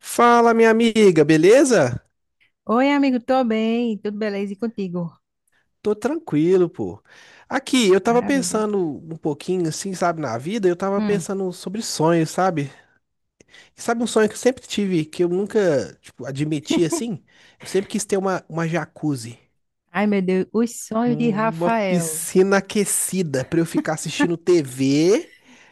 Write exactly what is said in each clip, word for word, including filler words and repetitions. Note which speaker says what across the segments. Speaker 1: Fala, minha amiga, beleza?
Speaker 2: Oi, amigo, tô bem, tudo beleza e contigo?
Speaker 1: Tô tranquilo, pô. Aqui, eu tava
Speaker 2: Maravilha.
Speaker 1: pensando um pouquinho, assim, sabe, na vida, eu tava
Speaker 2: Hum.
Speaker 1: pensando sobre sonhos, sabe? E sabe um sonho que eu sempre tive, que eu nunca, tipo, admiti, assim? Eu sempre quis ter uma, uma jacuzzi,
Speaker 2: Ai, meu Deus, os sonhos de
Speaker 1: um- uma
Speaker 2: Rafael.
Speaker 1: piscina aquecida pra eu ficar assistindo T V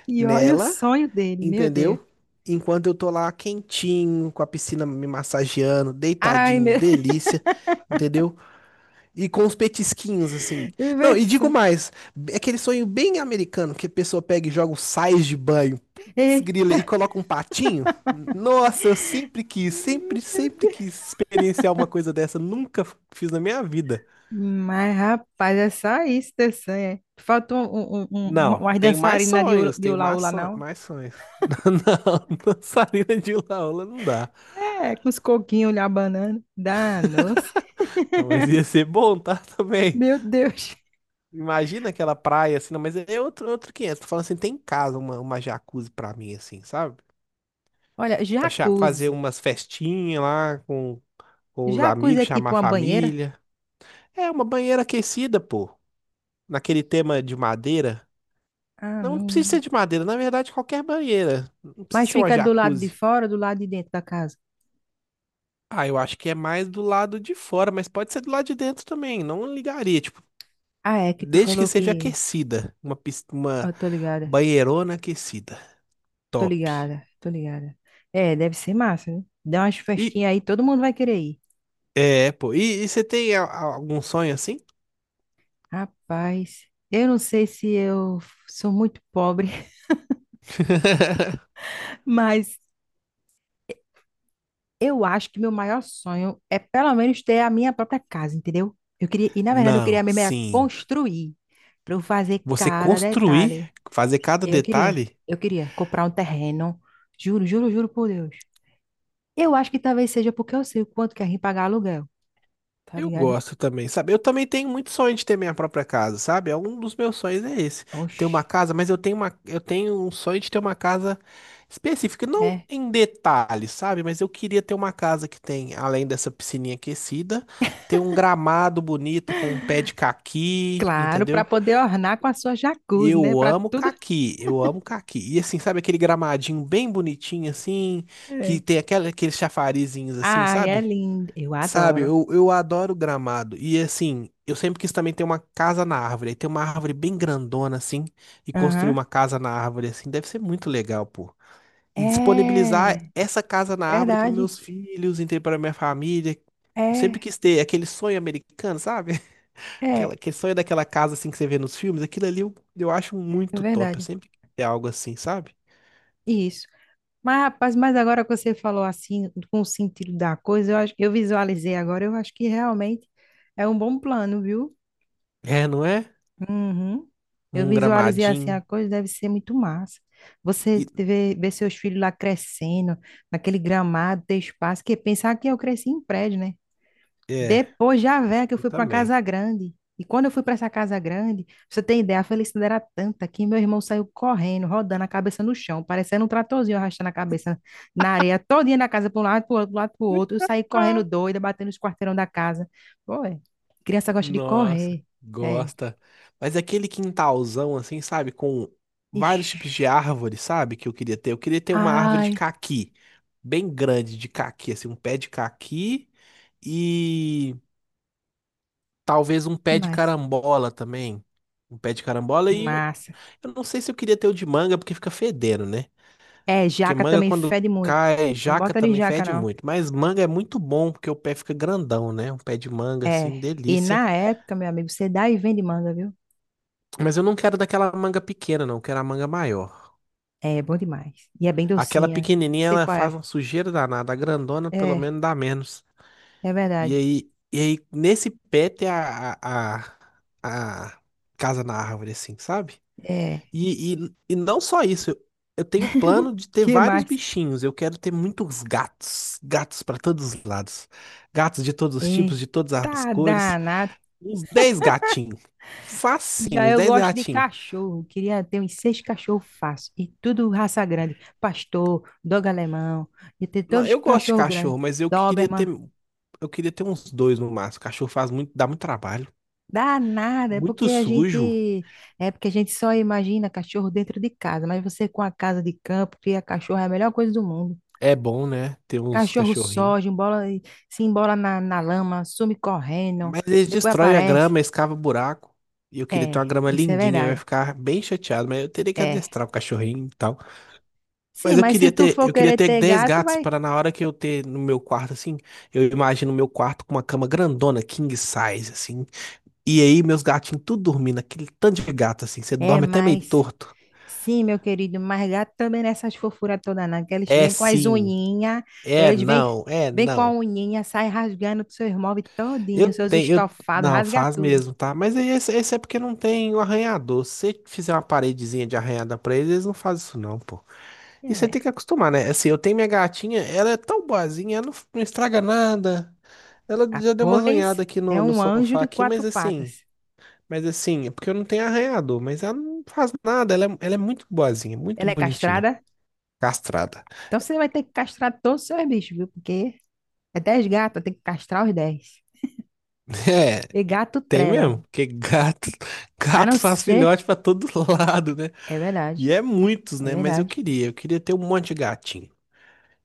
Speaker 2: E olha o
Speaker 1: nela,
Speaker 2: sonho dele, meu Deus.
Speaker 1: entendeu? Enquanto eu tô lá quentinho, com a piscina me massageando,
Speaker 2: Ai,
Speaker 1: deitadinho,
Speaker 2: meu
Speaker 1: delícia, entendeu? E com os petisquinhos, assim. Não, e
Speaker 2: Deus.
Speaker 1: digo mais, é aquele sonho bem americano que a pessoa pega e joga um sais de banho, putz, grila,
Speaker 2: Eita.
Speaker 1: e coloca um patinho. Nossa, eu sempre quis, sempre, sempre quis experienciar uma coisa dessa, nunca f- fiz na minha vida.
Speaker 2: Mas, rapaz, é só isso teu sonho, é? Faltou um, um, um, um, uma-
Speaker 1: Não,
Speaker 2: umas
Speaker 1: tem mais
Speaker 2: dançarinas de, ula-
Speaker 1: sonhos,
Speaker 2: de
Speaker 1: tem
Speaker 2: ula
Speaker 1: mais
Speaker 2: ula,
Speaker 1: sonhos,
Speaker 2: não?
Speaker 1: mais sonhos. Não, dançarina de hula-hula não dá.
Speaker 2: É, com os coquinhos lá, banana. Danos,
Speaker 1: Não, mas ia ser bom, tá? Também.
Speaker 2: meu Deus.
Speaker 1: Imagina aquela praia assim, não, mas é outro, outro quinhentos. Tô falando assim, tem em casa uma, uma jacuzzi pra mim, assim, sabe?
Speaker 2: Olha,
Speaker 1: Pra cha- fazer
Speaker 2: jacuzzi.
Speaker 1: umas festinhas lá com, com os
Speaker 2: Jacuzzi é
Speaker 1: amigos, chamar
Speaker 2: tipo
Speaker 1: a
Speaker 2: uma banheira?
Speaker 1: família. É uma banheira aquecida, pô. Naquele tema de madeira.
Speaker 2: Ah,
Speaker 1: Não precisa
Speaker 2: não.
Speaker 1: ser de madeira, na verdade, qualquer banheira. Não precisa
Speaker 2: Mas
Speaker 1: ser uma
Speaker 2: fica do lado de
Speaker 1: jacuzzi.
Speaker 2: fora ou do lado de dentro da casa?
Speaker 1: Ah, eu acho que é mais do lado de fora, mas pode ser do lado de dentro também. Não ligaria, tipo,
Speaker 2: Ah, é que tu
Speaker 1: desde que
Speaker 2: falou
Speaker 1: seja
Speaker 2: que.
Speaker 1: aquecida. Uma, pis- uma
Speaker 2: Eu tô ligada,
Speaker 1: banheirona aquecida.
Speaker 2: tô
Speaker 1: Top.
Speaker 2: ligada, tô ligada. É, deve ser massa, né? Dá umas
Speaker 1: E,
Speaker 2: festinhas aí, todo mundo vai querer ir.
Speaker 1: é, pô. E, e você tem a- a- algum sonho assim?
Speaker 2: Rapaz, eu não sei se eu sou muito pobre, mas eu acho que meu maior sonho é pelo menos ter a minha própria casa, entendeu? Eu queria, e na verdade eu queria
Speaker 1: Não,
Speaker 2: mesmo era
Speaker 1: sim.
Speaker 2: construir, pra eu fazer
Speaker 1: Você
Speaker 2: cada
Speaker 1: construir,
Speaker 2: detalhe.
Speaker 1: fazer cada
Speaker 2: Eu queria,
Speaker 1: detalhe,
Speaker 2: eu queria comprar um terreno, juro, juro, juro por Deus. Eu acho que talvez seja porque eu sei o quanto que a gente pagar aluguel, tá
Speaker 1: eu
Speaker 2: ligado?
Speaker 1: gosto também, sabe? Eu também tenho muito sonho de ter minha própria casa, sabe? É um dos meus sonhos é esse, ter uma
Speaker 2: Oxe,
Speaker 1: casa, mas eu tenho uma, eu tenho um sonho de ter uma casa específica, não
Speaker 2: é.
Speaker 1: em detalhes, sabe? Mas eu queria ter uma casa que tem, além dessa piscininha aquecida, ter um gramado bonito com um pé de caqui,
Speaker 2: Claro, para
Speaker 1: entendeu?
Speaker 2: poder ornar com a sua jacuzzi, né?
Speaker 1: Eu
Speaker 2: Para
Speaker 1: amo
Speaker 2: tudo.
Speaker 1: caqui, eu amo caqui. E assim, sabe aquele gramadinho bem bonitinho assim, que
Speaker 2: É.
Speaker 1: tem aquela, aqueles chafarizinhos assim,
Speaker 2: Ai, é
Speaker 1: sabe?
Speaker 2: lindo. Eu
Speaker 1: Sabe,
Speaker 2: adoro.
Speaker 1: eu, eu adoro gramado. E assim, eu sempre quis também ter uma casa na árvore. Aí tem uma árvore bem grandona, assim, e construir
Speaker 2: Aham.
Speaker 1: uma casa na árvore, assim, deve ser muito legal, pô. E disponibilizar
Speaker 2: É,
Speaker 1: essa casa na árvore para
Speaker 2: verdade.
Speaker 1: meus filhos, entendeu? Para minha família. Eu sempre
Speaker 2: É,
Speaker 1: quis ter aquele sonho americano, sabe? Aquela,
Speaker 2: é,
Speaker 1: aquele sonho daquela casa, assim, que você vê nos filmes. Aquilo ali eu, eu acho
Speaker 2: é
Speaker 1: muito top. Eu
Speaker 2: verdade.
Speaker 1: sempre quis ter algo assim, sabe?
Speaker 2: Isso. Mas, rapaz, mas agora que você falou assim, com o sentido da coisa, eu acho, eu visualizei agora, eu acho que realmente é um bom plano, viu?
Speaker 1: É, não é?
Speaker 2: Uhum. Eu
Speaker 1: Um
Speaker 2: visualizei assim a
Speaker 1: gramadinho.
Speaker 2: coisa, deve ser muito massa. Você
Speaker 1: E,
Speaker 2: te vê, vê seus filhos lá crescendo, naquele gramado, ter espaço, que pensar que eu cresci em prédio, né?
Speaker 1: é,
Speaker 2: Depois já velha que eu
Speaker 1: eu
Speaker 2: fui para uma
Speaker 1: também.
Speaker 2: casa grande. E quando eu fui para essa casa grande, pra você tem ideia, a felicidade era tanta que meu irmão saiu correndo, rodando a cabeça no chão, parecendo um tratorzinho arrastando a cabeça na areia, todinha na casa, para um lado, para outro, para lado, para outro. Eu saí correndo doida, batendo os quarteirão da casa. Pô, é. Criança gosta de
Speaker 1: Nossa,
Speaker 2: correr. É.
Speaker 1: gosta. Mas aquele quintalzão assim, sabe, com vários tipos de
Speaker 2: Ixi.
Speaker 1: árvores, sabe, que eu queria ter. Eu queria ter uma árvore de
Speaker 2: Ai,
Speaker 1: caqui, bem grande de caqui, assim, um pé de caqui e talvez um
Speaker 2: que
Speaker 1: pé de
Speaker 2: mais?
Speaker 1: carambola também. Um pé de carambola
Speaker 2: Que
Speaker 1: e um...
Speaker 2: massa.
Speaker 1: eu não sei se eu queria ter o de manga porque fica fedendo, né?
Speaker 2: É,
Speaker 1: Porque
Speaker 2: jaca
Speaker 1: manga
Speaker 2: também
Speaker 1: quando
Speaker 2: fede muito.
Speaker 1: cai,
Speaker 2: Não
Speaker 1: jaca
Speaker 2: bota de
Speaker 1: também
Speaker 2: jaca,
Speaker 1: fede
Speaker 2: não.
Speaker 1: muito, mas manga é muito bom porque o pé fica grandão, né? Um pé de manga
Speaker 2: É.
Speaker 1: assim,
Speaker 2: E
Speaker 1: delícia.
Speaker 2: na época, meu amigo, você dá e vende manga, viu?
Speaker 1: Mas eu não quero daquela manga pequena, não. Eu quero a manga maior.
Speaker 2: É, bom demais. E é bem
Speaker 1: Aquela
Speaker 2: docinha.
Speaker 1: pequenininha,
Speaker 2: Sei
Speaker 1: ela
Speaker 2: qual
Speaker 1: faz
Speaker 2: é.
Speaker 1: uma sujeira danada. A grandona, pelo
Speaker 2: É,
Speaker 1: menos, dá menos.
Speaker 2: é
Speaker 1: E
Speaker 2: verdade.
Speaker 1: aí, e aí nesse pé tem a, a, a, a casa na árvore, assim, sabe?
Speaker 2: É.
Speaker 1: E, e, e não só isso. Eu, eu tenho plano de ter
Speaker 2: Que
Speaker 1: vários
Speaker 2: mais?
Speaker 1: bichinhos. Eu quero ter muitos gatos. Gatos para todos os lados. Gatos de todos os
Speaker 2: É.
Speaker 1: tipos, de todas as
Speaker 2: Tá
Speaker 1: cores.
Speaker 2: danado.
Speaker 1: Uns dez gatinhos. Facinho,
Speaker 2: Já
Speaker 1: uns
Speaker 2: eu
Speaker 1: dez
Speaker 2: gosto de
Speaker 1: gatinhos.
Speaker 2: cachorro. Queria ter uns seis cachorros fácil. E tudo raça grande. Pastor, dogo alemão. E ter
Speaker 1: Não,
Speaker 2: todos os
Speaker 1: eu gosto de
Speaker 2: cachorros grandes.
Speaker 1: cachorro, mas eu queria ter,
Speaker 2: Doberman.
Speaker 1: eu queria ter uns dois no máximo. Cachorro faz muito, dá muito trabalho.
Speaker 2: Dá nada, é porque
Speaker 1: Muito
Speaker 2: a
Speaker 1: sujo.
Speaker 2: gente é porque a gente só imagina cachorro dentro de casa, mas você com a casa de campo, cria cachorro, é a melhor coisa do mundo.
Speaker 1: É bom, né? Ter uns
Speaker 2: Cachorro
Speaker 1: cachorrinhos.
Speaker 2: soja, embola, se embola na, na lama, some correndo,
Speaker 1: Mas eles
Speaker 2: depois
Speaker 1: destroem a
Speaker 2: aparece.
Speaker 1: grama, escava buraco. E eu queria ter uma
Speaker 2: É,
Speaker 1: grama
Speaker 2: isso é
Speaker 1: lindinha, eu ia
Speaker 2: verdade.
Speaker 1: ficar bem chateado, mas eu teria que
Speaker 2: É.
Speaker 1: adestrar o cachorrinho e tal.
Speaker 2: Sim,
Speaker 1: Mas eu
Speaker 2: mas se
Speaker 1: queria
Speaker 2: tu
Speaker 1: ter,
Speaker 2: for
Speaker 1: eu queria
Speaker 2: querer
Speaker 1: ter
Speaker 2: ter
Speaker 1: dez
Speaker 2: gato,
Speaker 1: gatos
Speaker 2: vai.
Speaker 1: para na hora que eu ter no meu quarto assim, eu imagino o meu quarto com uma cama grandona, king size assim. E aí meus gatinhos tudo dormindo, aquele tanto de gato assim, você
Speaker 2: É,
Speaker 1: dorme até meio
Speaker 2: mas
Speaker 1: torto.
Speaker 2: sim, meu querido, mas gato também nessas fofuras toda não, que eles
Speaker 1: É
Speaker 2: vêm com as
Speaker 1: sim.
Speaker 2: unhinhas,
Speaker 1: É,
Speaker 2: eles vêm,
Speaker 1: não, é,
Speaker 2: vêm com a
Speaker 1: não.
Speaker 2: unhinha, sai rasgando seus móveis
Speaker 1: Eu
Speaker 2: todinhos, seus
Speaker 1: tenho, eu,
Speaker 2: estofados,
Speaker 1: não,
Speaker 2: rasga
Speaker 1: faz
Speaker 2: tudo.
Speaker 1: mesmo, tá? Mas aí esse, esse é porque não tem o arranhador. Se você fizer uma paredezinha de arranhada pra eles, eles não fazem isso não, pô. E você tem
Speaker 2: É.
Speaker 1: que acostumar, né? Assim, eu tenho minha gatinha, ela é tão boazinha, ela não, não estraga nada. Ela
Speaker 2: Ah,
Speaker 1: já deu uma
Speaker 2: pois
Speaker 1: zunhada aqui
Speaker 2: é
Speaker 1: no, no
Speaker 2: um anjo
Speaker 1: sofá
Speaker 2: de
Speaker 1: aqui,
Speaker 2: quatro
Speaker 1: mas assim,
Speaker 2: patas.
Speaker 1: mas assim, é porque eu não tenho arranhador, mas ela não faz nada, ela é, ela é muito boazinha, muito
Speaker 2: Ela é
Speaker 1: bonitinha,
Speaker 2: castrada?
Speaker 1: castrada.
Speaker 2: Então você vai ter que castrar todos os seus bichos, viu? Porque é dez gatos, tem que castrar os dez.
Speaker 1: É.
Speaker 2: E gato
Speaker 1: Tem
Speaker 2: trela.
Speaker 1: mesmo, porque gato,
Speaker 2: A não
Speaker 1: gato faz
Speaker 2: ser.
Speaker 1: filhote pra todo lado, né?
Speaker 2: É verdade,
Speaker 1: E é muitos,
Speaker 2: é
Speaker 1: né? Mas eu
Speaker 2: verdade.
Speaker 1: queria, eu queria ter um monte de gatinho.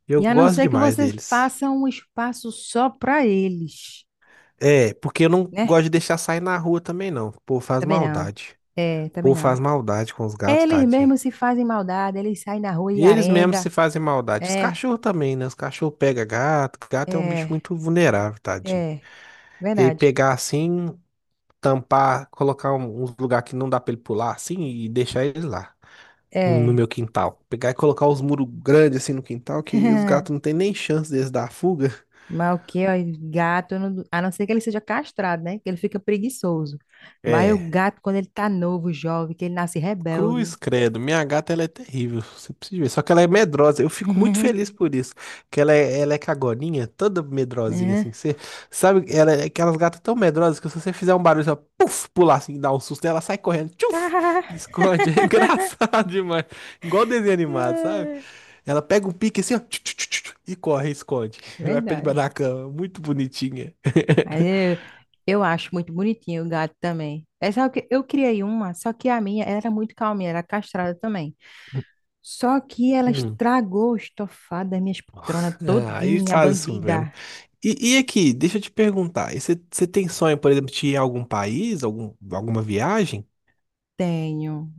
Speaker 1: Eu
Speaker 2: E a não
Speaker 1: gosto
Speaker 2: ser que
Speaker 1: demais
Speaker 2: você
Speaker 1: deles.
Speaker 2: faça um espaço só para eles,
Speaker 1: É, porque eu não
Speaker 2: né?
Speaker 1: gosto de deixar sair na rua também, não. O povo faz
Speaker 2: Também não.
Speaker 1: maldade.
Speaker 2: É,
Speaker 1: O
Speaker 2: também
Speaker 1: povo
Speaker 2: não.
Speaker 1: faz maldade com os gatos,
Speaker 2: Eles
Speaker 1: tadinho.
Speaker 2: mesmos se fazem maldade, eles saem na rua e
Speaker 1: E eles mesmos se
Speaker 2: arenga.
Speaker 1: fazem maldade. Os
Speaker 2: É,
Speaker 1: cachorros também, né? Os cachorros pegam gato. Gato é um bicho
Speaker 2: é,
Speaker 1: muito vulnerável, tadinho.
Speaker 2: é.
Speaker 1: E aí
Speaker 2: Verdade.
Speaker 1: pegar assim, tampar, colocar um, uns lugar que não dá pra ele pular assim e deixar ele lá. no, no
Speaker 2: É.
Speaker 1: meu quintal. Pegar e colocar os muros grandes assim no quintal, que os gatos não tem nem chance deles dar fuga.
Speaker 2: Mas o que, ó, gato, eu não- a não ser que ele seja castrado, né? Que ele fica preguiçoso. Mas o
Speaker 1: É,
Speaker 2: gato, quando ele tá novo, jovem, que ele nasce rebelde.
Speaker 1: cruz, credo. Minha gata, ela é terrível. Você precisa ver. Só que ela é medrosa. Eu fico muito feliz por isso. Que ela é, ela é cagoninha, toda medrosinha assim.
Speaker 2: Né?
Speaker 1: Que Você sabe, ela é aquelas gatas tão medrosas que se você fizer um barulho, ela puf, pular assim, dá um susto nela, sai correndo, tchuf, esconde. É engraçado demais. Igual desenho animado, sabe?
Speaker 2: É,
Speaker 1: Ela pega o pique assim, ó, tchu, tchu, tchu, tchu, e corre, esconde. Vai pra debaixo
Speaker 2: verdade.
Speaker 1: da cama. Muito bonitinha.
Speaker 2: Mas eu, eu acho muito bonitinho o gato também. É só que eu criei uma, só que a minha era muito calminha, era castrada também. Só que ela
Speaker 1: Hum.
Speaker 2: estragou o estofado das minhas poltronas
Speaker 1: Ah, aí
Speaker 2: todinha,
Speaker 1: faz isso mesmo.
Speaker 2: bandida.
Speaker 1: E, e aqui, deixa eu te perguntar. e Você você tem sonho, por exemplo, de ir a algum país, algum, alguma viagem?
Speaker 2: Tenho,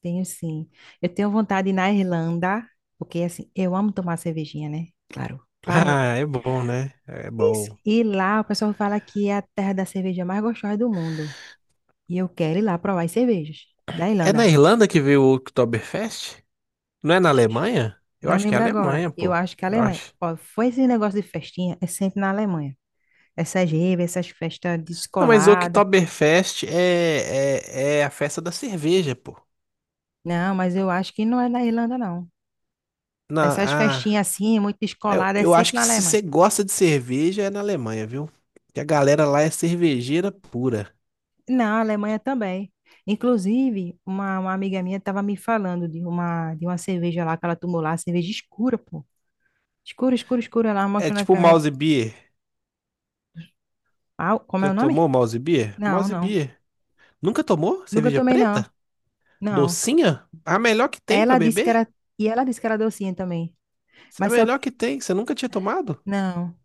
Speaker 2: tenho sim. Eu tenho vontade de ir na Irlanda, porque assim, eu amo tomar cervejinha, né? Claro, clarinha.
Speaker 1: Ah, é bom, né? É
Speaker 2: Isso.
Speaker 1: bom.
Speaker 2: E lá o pessoal fala que é a terra da cerveja mais gostosa do mundo. E eu quero ir lá provar as cervejas da
Speaker 1: É na
Speaker 2: Irlanda.
Speaker 1: Irlanda que veio o Oktoberfest? Não é na
Speaker 2: Ixi,
Speaker 1: Alemanha? Eu
Speaker 2: não
Speaker 1: acho que é
Speaker 2: lembro agora.
Speaker 1: Alemanha,
Speaker 2: Eu
Speaker 1: pô.
Speaker 2: acho que a
Speaker 1: Eu
Speaker 2: Alemanha.
Speaker 1: acho.
Speaker 2: Ó, foi esse negócio de festinha, é sempre na Alemanha. Essas raves, essas festas
Speaker 1: Não, mas o
Speaker 2: descoladas.
Speaker 1: Oktoberfest é, é, é a festa da cerveja, pô.
Speaker 2: Não, mas eu acho que não é na Irlanda, não.
Speaker 1: Na,
Speaker 2: Essas
Speaker 1: ah,
Speaker 2: festinhas assim, muito
Speaker 1: Eu,
Speaker 2: descoladas, é
Speaker 1: eu acho
Speaker 2: sempre na
Speaker 1: que se
Speaker 2: Alemanha.
Speaker 1: você gosta de cerveja é na Alemanha, viu? Que a galera lá é cervejeira pura.
Speaker 2: Na Alemanha também. Inclusive, uma, uma amiga minha estava me falando de uma, de uma cerveja lá que ela tomou lá, cerveja escura, pô. Escura, escura, escura, lá,
Speaker 1: É
Speaker 2: mostrando a
Speaker 1: tipo
Speaker 2: caneca.
Speaker 1: mouse beer.
Speaker 2: Ah, como é
Speaker 1: Já
Speaker 2: o nome?
Speaker 1: tomou mouse beer?
Speaker 2: Não,
Speaker 1: Mouse
Speaker 2: não.
Speaker 1: beer. Nunca tomou
Speaker 2: Nunca
Speaker 1: cerveja
Speaker 2: tomei, não.
Speaker 1: preta?
Speaker 2: Não.
Speaker 1: Docinha? A melhor que tem pra
Speaker 2: Ela disse que
Speaker 1: beber?
Speaker 2: era. E ela disse que era docinha também.
Speaker 1: A
Speaker 2: Mas só.
Speaker 1: melhor que tem. Você nunca tinha tomado?
Speaker 2: Não.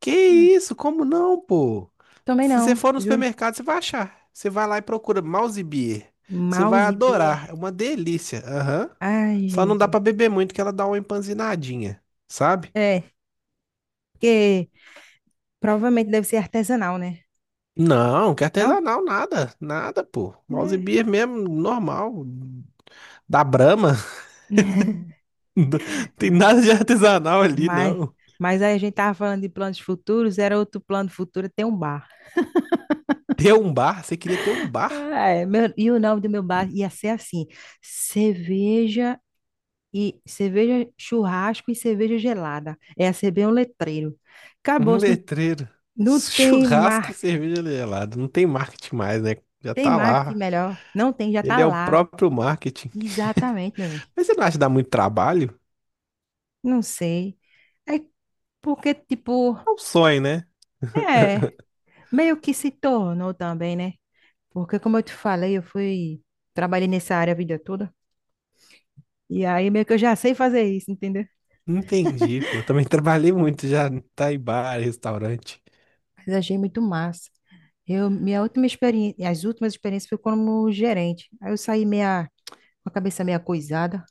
Speaker 1: Que
Speaker 2: Ah,
Speaker 1: isso? Como não, pô?
Speaker 2: também
Speaker 1: Se você
Speaker 2: não,
Speaker 1: for no
Speaker 2: juro.
Speaker 1: supermercado, você vai achar. Você vai lá e procura mouse beer. Você vai
Speaker 2: Mouse Beer.
Speaker 1: adorar. É uma delícia. Aham.
Speaker 2: Ai,
Speaker 1: Só não dá
Speaker 2: Jesus.
Speaker 1: pra beber muito que ela dá uma empanzinadinha, sabe?
Speaker 2: É, porque provavelmente deve ser artesanal, né?
Speaker 1: Não, que
Speaker 2: Não?
Speaker 1: artesanal, nada, nada, pô. Mouse
Speaker 2: E
Speaker 1: beer mesmo, normal, da Brahma. Não tem nada de artesanal ali,
Speaker 2: Mas,
Speaker 1: não.
Speaker 2: mas aí a gente tava falando de planos futuros, era outro plano futuro, tem um bar.
Speaker 1: Ter um bar, você queria ter um bar?
Speaker 2: Ah, é, meu- e o nome do meu bar ia ser assim: cerveja e cerveja churrasco e cerveja gelada. Ia ser bem um letreiro. Acabou,
Speaker 1: Um
Speaker 2: não,
Speaker 1: letreiro.
Speaker 2: não tem
Speaker 1: Churrasco e
Speaker 2: marketing,
Speaker 1: cerveja gelada. Não tem marketing mais, né? Já
Speaker 2: tem
Speaker 1: tá
Speaker 2: marketing
Speaker 1: lá.
Speaker 2: melhor. Não tem, já tá
Speaker 1: Ele é o
Speaker 2: lá.
Speaker 1: próprio marketing.
Speaker 2: Exatamente, meu bem.
Speaker 1: Mas você não acha que dá muito trabalho?
Speaker 2: Não sei. É porque, tipo,
Speaker 1: É um sonho, né?
Speaker 2: é, meio que se tornou também, né? Porque, como eu te falei, eu fui, trabalhei nessa área a vida toda. E aí meio que eu já sei fazer isso, entendeu?
Speaker 1: Entendi, pô. Eu também trabalhei muito já, tá em bar, restaurante.
Speaker 2: Mas achei muito massa. Eu, minha última experiência, as últimas experiências foi como gerente. Aí eu saí meia, com a cabeça meia coisada.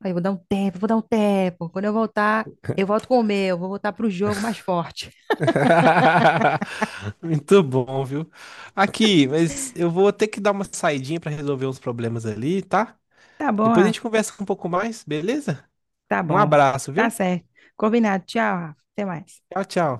Speaker 2: Aí eu vou dar um tempo, vou dar um tempo. Quando eu voltar, eu volto com o meu, vou voltar pro jogo mais forte.
Speaker 1: Muito bom, viu? Aqui, mas eu vou ter que dar uma saidinha para resolver uns problemas ali, tá?
Speaker 2: Tá bom,
Speaker 1: Depois a gente
Speaker 2: Rafa.
Speaker 1: conversa um pouco mais, beleza?
Speaker 2: Tá
Speaker 1: Um
Speaker 2: bom.
Speaker 1: abraço,
Speaker 2: Tá
Speaker 1: viu?
Speaker 2: certo. Combinado. Tchau, Rafa. Até mais.
Speaker 1: Tchau, tchau.